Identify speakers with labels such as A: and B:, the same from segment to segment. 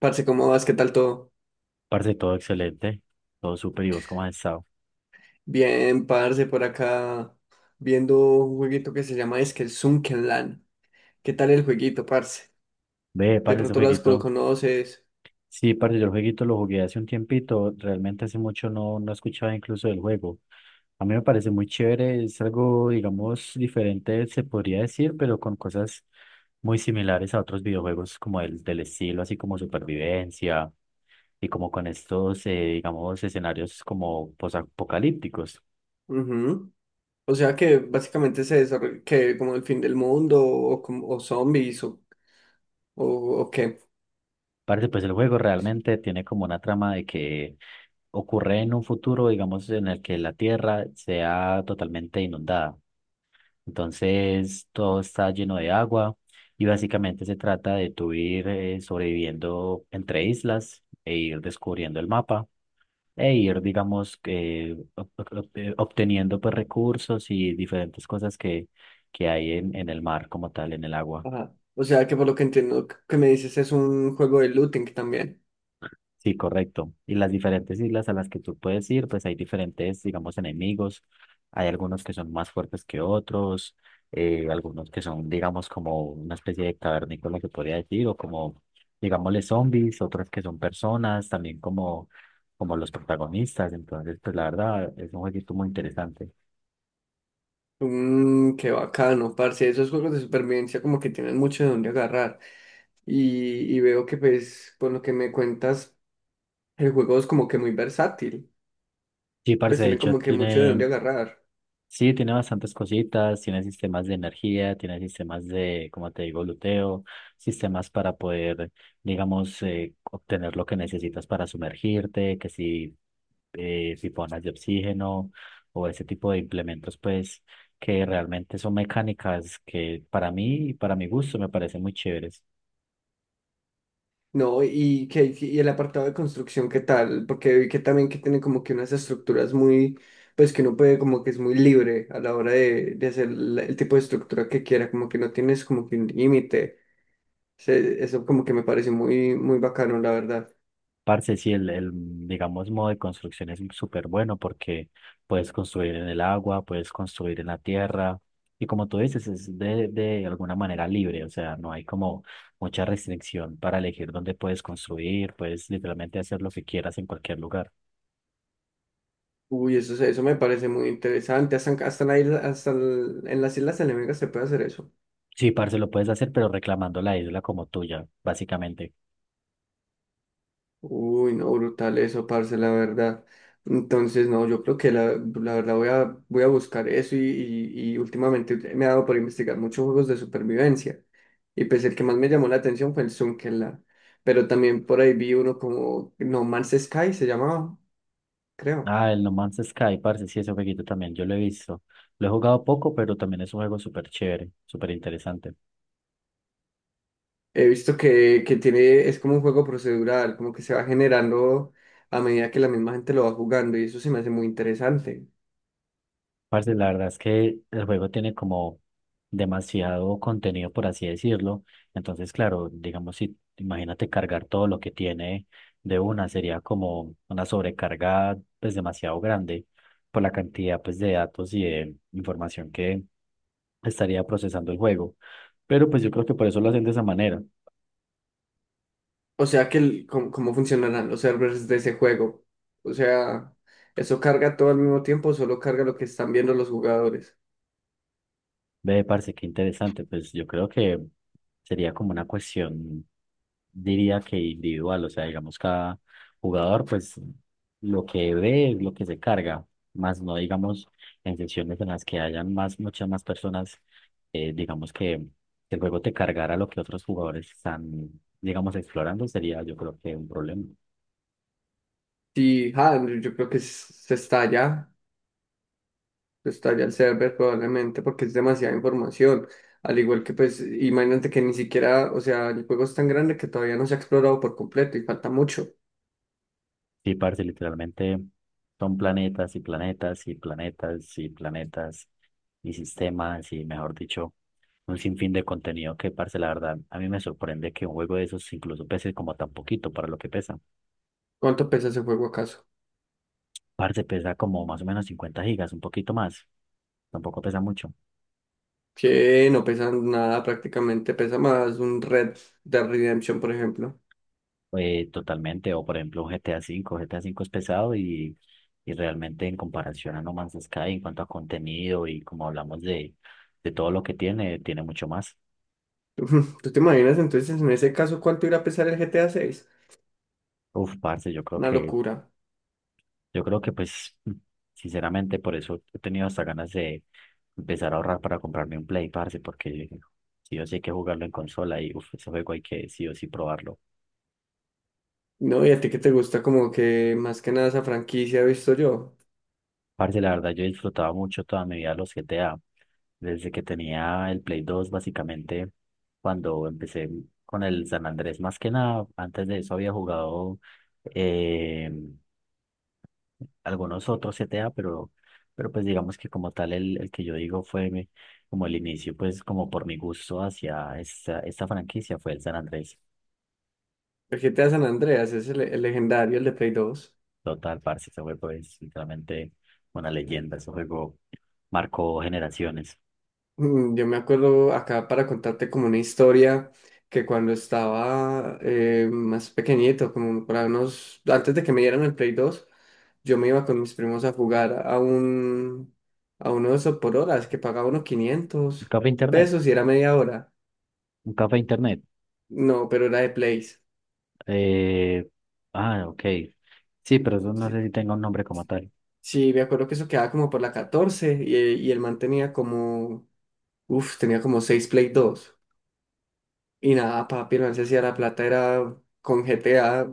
A: Parce, ¿cómo vas? ¿Qué tal todo?
B: Parce, todo excelente, todo súper y vos cómo has estado.
A: Bien, parce, por acá viendo un jueguito que se llama es que el Sunkenland. ¿Qué tal el jueguito, parce?
B: Ve,
A: De
B: parce, ese
A: pronto las lo
B: jueguito.
A: conoces.
B: Sí, parce, yo el jueguito lo jugué hace un tiempito, realmente hace mucho no escuchaba incluso del juego. A mí me parece muy chévere, es algo, digamos, diferente, se podría decir, pero con cosas muy similares a otros videojuegos como el del estilo, así como supervivencia y como con estos, digamos, escenarios como posapocalípticos.
A: Ujú. O sea que básicamente se desarrolla que como el fin del mundo o zombies o, o qué.
B: Parce, pues el juego realmente tiene como una trama de que ocurre en un futuro, digamos, en el que la Tierra sea totalmente inundada. Entonces, todo está lleno de agua y básicamente se trata de tú ir sobreviviendo entre islas e ir descubriendo el mapa e ir, digamos, que obteniendo pues recursos y diferentes cosas que hay en el mar como tal, en el agua.
A: Ajá. O sea que por lo que entiendo que me dices es un juego de looting también.
B: Sí, correcto. Y las diferentes islas a las que tú puedes ir, pues hay diferentes, digamos, enemigos. Hay algunos que son más fuertes que otros, algunos que son, digamos, como una especie de cavernícola que podría decir, o como, digámosle, zombies, otros que son personas, también como los protagonistas. Entonces, pues la verdad, es un jueguito muy interesante.
A: Mmm, qué bacano, parce. Esos juegos de supervivencia como que tienen mucho de dónde agarrar. Y veo que pues por lo que me cuentas el juego es como que muy versátil,
B: Sí,
A: pues
B: parce, de
A: tiene
B: hecho,
A: como que mucho de dónde
B: tiene.
A: agarrar.
B: Sí, tiene bastantes cositas, tiene sistemas de energía, tiene sistemas de, como te digo, luteo, sistemas para poder, digamos, obtener lo que necesitas para sumergirte, que si piponas de oxígeno o ese tipo de implementos, pues, que realmente son mecánicas que para mí y para mi gusto me parecen muy chéveres.
A: No, y el apartado de construcción, ¿qué tal? Porque vi que también que tiene como que unas estructuras muy, pues que uno puede como que es muy libre a la hora de hacer el tipo de estructura que quiera, como que no tienes como que un límite. Eso como que me parece muy, muy bacano, la verdad.
B: Parce, sí, digamos, modo de construcción es súper bueno porque puedes construir en el agua, puedes construir en la tierra y como tú dices, es de alguna manera libre, o sea, no hay como mucha restricción para elegir dónde puedes construir, puedes literalmente hacer lo que quieras en cualquier lugar.
A: Uy, eso, eso me parece muy interesante. Hasta, hasta en las Islas Enemigas se puede hacer eso.
B: Sí, parce, lo puedes hacer, pero reclamando la isla como tuya, básicamente.
A: Uy, no, brutal eso, parce, la verdad. Entonces, no, yo creo que la verdad voy a buscar eso y últimamente me ha dado por investigar muchos juegos de supervivencia. Y pues el que más me llamó la atención fue el Zunkenland. Pero también por ahí vi uno como No Man's Sky, se llamaba, creo.
B: Ah, el No Man's Sky, parce, sí, ese jueguito también yo lo he visto. Lo he jugado poco, pero también es un juego súper chévere, súper interesante.
A: He visto que tiene, es como un juego procedural, como que se va generando a medida que la misma gente lo va jugando y eso se me hace muy interesante.
B: Parce, la verdad es que el juego tiene como demasiado contenido, por así decirlo. Entonces, claro, digamos, si imagínate cargar todo lo que tiene de una, sería como una sobrecarga pues demasiado grande por la cantidad pues de datos y de información que estaría procesando el juego. Pero pues yo creo que por eso lo hacen de esa manera.
A: O sea que cómo, cómo funcionarán los servers de ese juego. O sea, ¿eso carga todo al mismo tiempo o solo carga lo que están viendo los jugadores?
B: Ve, parce, qué interesante. Pues yo creo que sería como una cuestión, diría que individual, o sea, digamos, cada jugador, pues lo que ve es lo que se carga, más no, digamos, en sesiones en las que hayan más, muchas más personas, digamos que el juego te cargara lo que otros jugadores están, digamos, explorando, sería yo creo que un problema.
A: Sí, ah, yo creo que se estalla el server probablemente porque es demasiada información. Al igual que pues, imagínate que ni siquiera, o sea, el juego es tan grande que todavía no se ha explorado por completo y falta mucho.
B: Sí, parce, literalmente son planetas y planetas y planetas y planetas y sistemas y, mejor dicho, un sinfín de contenido que, parce, la verdad, a mí me sorprende que un juego de esos incluso pese como tan poquito para lo que pesa.
A: ¿Cuánto pesa ese juego acaso?
B: Parce, pesa como más o menos 50 gigas, un poquito más, tampoco pesa mucho.
A: Que no pesa nada prácticamente, pesa más un Red Dead Redemption, por ejemplo.
B: Totalmente, o por ejemplo un GTA V, GTA V es pesado y realmente en comparación a No Man's Sky en cuanto a contenido y como hablamos de todo lo que tiene, tiene mucho más.
A: Ujú, ¿tú te imaginas entonces en ese caso cuánto irá a pesar el GTA 6?
B: Uf, parce, yo creo
A: Una
B: que.
A: locura.
B: Yo creo que pues, sinceramente, por eso he tenido hasta ganas de empezar a ahorrar para comprarme un Play, parce, porque sí o sí hay que jugarlo en consola y uf, ese juego hay que sí o sí probarlo.
A: No, y a ti que te gusta como que más que nada esa franquicia he visto yo.
B: Parce, la verdad, yo disfrutaba mucho toda mi vida los GTA. Desde que tenía el Play 2 básicamente, cuando empecé con el San Andrés, más que nada, antes de eso había jugado eh, algunos otros CTA, pero pues digamos que como tal el que yo digo fue mi como el inicio, pues como por mi gusto hacia esta, esta franquicia fue el San Andrés.
A: El GTA San Andreas es el legendario, el de Play 2.
B: Total, parce, ese juego es literalmente una leyenda, ese juego marcó generaciones.
A: Mm, yo me acuerdo acá para contarte como una historia que cuando estaba más pequeñito, como para unos, antes de que me dieran el Play 2, yo me iba con mis primos a jugar a uno de esos por horas que pagaba unos
B: Un
A: 500
B: café internet,
A: pesos y era media hora.
B: un café internet.
A: No, pero era de Place.
B: Eh, ok. Sí, pero eso no
A: Sí,
B: sé si tenga un nombre como tal.
A: sí, me acuerdo que eso quedaba como por la 14 y el man tenía como, uf, tenía como 6 Play dos. Y nada, papi, el man se hacía la plata, era con GTA,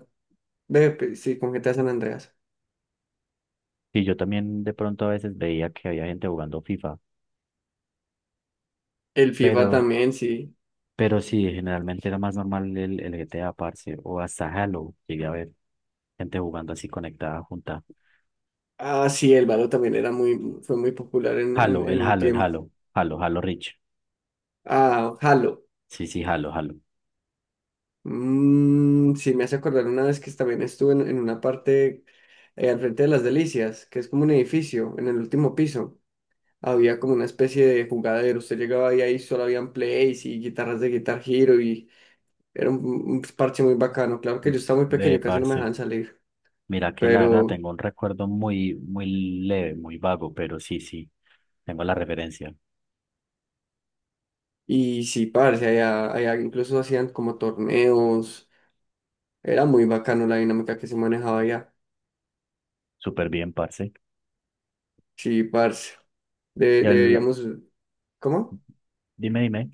A: con GTA San Andreas.
B: Y yo también de pronto a veces veía que había gente jugando FIFA,
A: El FIFA
B: pero.
A: también, sí.
B: Pero sí, generalmente era más normal el GTA, parce, o hasta Halo. Llegué a ver gente jugando así conectada junta.
A: Ah, sí, el Valo también era muy, fue muy popular en,
B: Halo,
A: en, en
B: el
A: un
B: Halo, el
A: tiempo.
B: Halo, Halo, Halo Reach.
A: Ah, Halo.
B: Sí, sí, Halo, Halo.
A: Mm, sí, me hace acordar una vez que también estuve en una parte al frente de las Delicias, que es como un edificio en el último piso. Había como una especie de jugadero. Usted llegaba ahí, ahí solo habían plays y guitarras de Guitar Hero y era un parche muy bacano. Claro que yo estaba muy
B: Ve,
A: pequeño, casi no me
B: parce,
A: dejaban salir,
B: mira que la verdad
A: pero
B: tengo un recuerdo muy, muy leve, muy vago, pero sí, sí, tengo la referencia.
A: y sí, parce, allá incluso hacían como torneos. Era muy bacano la dinámica que se manejaba allá.
B: Súper bien, parce.
A: Sí, parce. De-
B: Y el,
A: deberíamos, ¿Cómo?
B: dime, dime.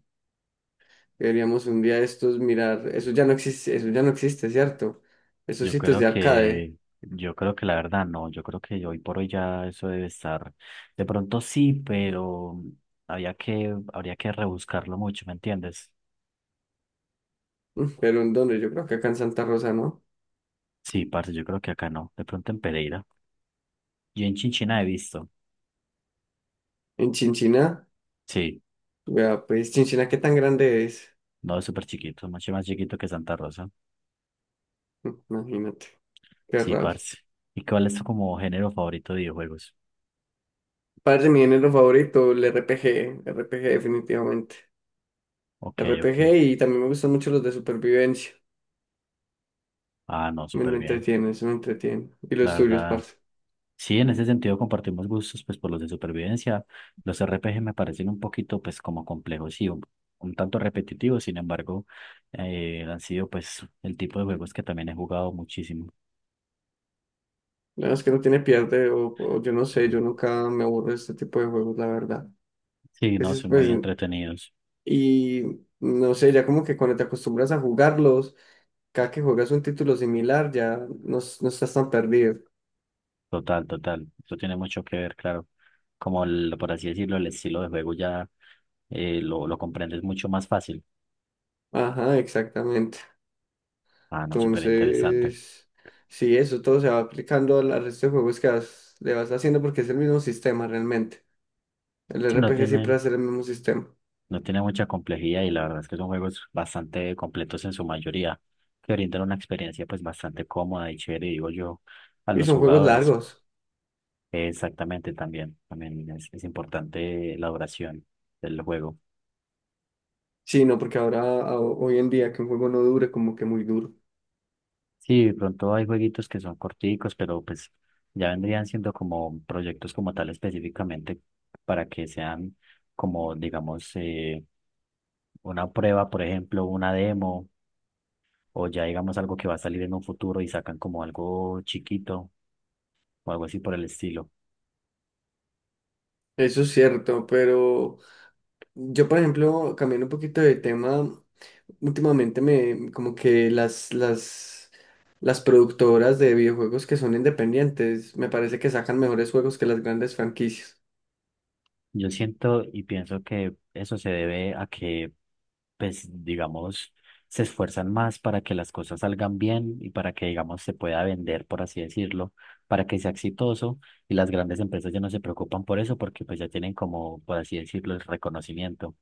A: Deberíamos un día de estos mirar, eso ya no existe, eso ya no existe, ¿cierto? Esos
B: Yo
A: sitios
B: creo
A: de arcade.
B: que, yo creo que la verdad no, yo creo que hoy por hoy ya eso debe estar, de pronto sí, pero había que, habría que rebuscarlo mucho, ¿me entiendes?
A: Mm, pero ¿en dónde? Yo creo que acá en Santa Rosa, ¿no?
B: Sí, parce, yo creo que acá no, de pronto en Pereira. Yo en Chinchina he visto,
A: En Chinchiná.
B: sí,
A: Vea, pues, Chinchina, ¿qué tan grande es?
B: no, es súper chiquito, mucho más chiquito que Santa Rosa,
A: Imagínate, qué
B: sí,
A: rabia.
B: parce. ¿Y cuál es tu como género favorito de videojuegos?
A: Padre, mi género favorito, el RPG, RPG definitivamente.
B: Ok, ok,
A: RPG y también me gustan mucho los de supervivencia.
B: ah, no,
A: Me,
B: súper
A: me
B: bien,
A: entretiene, eso me entretiene. Y
B: la
A: los tuyos,
B: verdad.
A: parce.
B: Sí, en ese sentido compartimos gustos, pues por los de supervivencia. Los RPG me parecen un poquito, pues como complejos y un tanto repetitivos, sin embargo, han sido pues el tipo de juegos que también he jugado muchísimo.
A: La verdad es que no tiene pierde, o yo no sé, yo nunca me aburro de este tipo de juegos, la verdad.
B: Sí, no,
A: Entonces,
B: son
A: pues,
B: muy entretenidos.
A: y no sé, ya como que cuando te acostumbras a jugarlos, cada que juegas un título similar, ya no estás tan perdido.
B: Total, total. Eso tiene mucho que ver, claro. Como el, por así decirlo, el estilo de juego ya lo comprendes mucho más fácil.
A: Ajá, exactamente.
B: Ah, no, súper interesante.
A: Entonces, sí, eso todo se va aplicando al al resto de juegos que le vas haciendo porque es el mismo sistema realmente. El
B: Si no
A: RPG siempre
B: tiene
A: va a ser el mismo sistema.
B: No tiene mucha complejidad y la verdad es que son juegos bastante completos en su mayoría, que brindan una experiencia pues bastante cómoda y chévere, digo yo, a
A: Y
B: los
A: son juegos
B: jugadores.
A: largos.
B: Exactamente, también, también es importante la duración del juego.
A: Sí, no, porque ahora, hoy en día, que un juego no dure, como que muy duro.
B: Sí, de pronto hay jueguitos que son corticos, pero pues ya vendrían siendo como proyectos como tal específicamente para que sean como, digamos, una prueba, por ejemplo, una demo o ya digamos algo que va a salir en un futuro y sacan como algo chiquito o algo así por el estilo.
A: Eso es cierto, pero yo, por ejemplo, cambiando un poquito de tema, últimamente me, como que las productoras de videojuegos que son independientes, me parece que sacan mejores juegos que las grandes franquicias.
B: Yo siento y pienso que eso se debe a que, pues, digamos, se esfuerzan más para que las cosas salgan bien y para que, digamos, se pueda vender, por así decirlo, para que sea exitoso y las grandes empresas ya no se preocupan por eso porque pues ya tienen como, por así decirlo, el reconocimiento.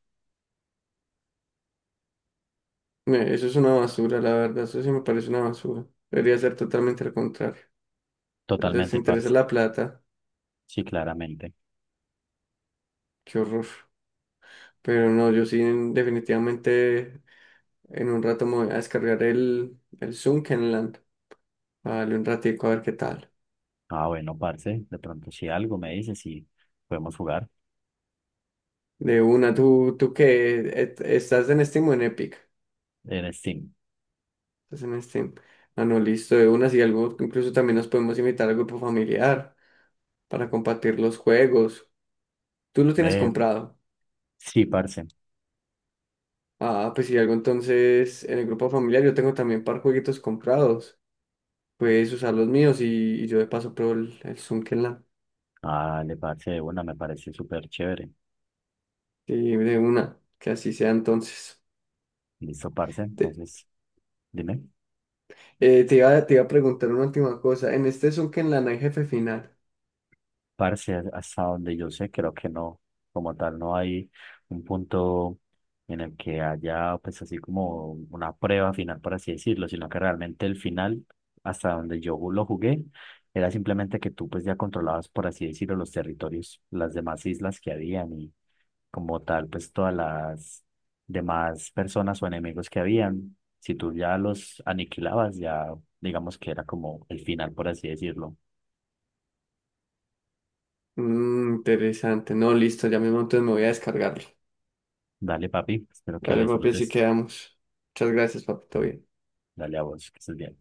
A: Eso es una basura, la verdad, eso sí me parece una basura. Debería ser totalmente al contrario. Les
B: Totalmente,
A: interesa
B: parce.
A: la plata,
B: Sí, claramente.
A: qué horror. Pero no, yo sí definitivamente en un rato me voy a descargar el Land Vale, un ratico a ver qué tal.
B: Ah, bueno, parce, de pronto si algo me dices y podemos jugar
A: De una, tú que estás en Steam o en Epic.
B: en Steam.
A: Estás en Steam. Ah, no, listo, de una, si algo, incluso también nos podemos invitar al grupo familiar para compartir los juegos. Tú lo tienes
B: Ve,
A: comprado.
B: sí, parce.
A: Ah, pues si algo entonces en el grupo familiar yo tengo también par jueguitos comprados. Puedes usar los míos y yo de paso pruebo el Zunkenland.
B: Dale, parce, de una, me parece súper chévere.
A: Sí, de una, que así sea entonces.
B: Listo, parce.
A: Te,
B: Entonces, dime,
A: te iba a preguntar una última cosa. En este Zunkenland hay jefe final.
B: parce, hasta donde yo sé, creo que no, como tal, no hay un punto en el que haya, pues, así como una prueba final, por así decirlo, sino que realmente el final, hasta donde yo lo jugué, era simplemente que tú, pues, ya controlabas, por así decirlo, los territorios, las demás islas que habían como tal, pues todas las demás personas o enemigos que habían, si tú ya los aniquilabas, ya digamos que era como el final, por así decirlo.
A: Mm, interesante. No, listo, ya mismo entonces me voy a descargarlo.
B: Dale, papi, espero que lo
A: Dale, papi, así
B: disfrutes.
A: quedamos. Muchas gracias, papi, todo bien.
B: Dale a vos, que estés bien.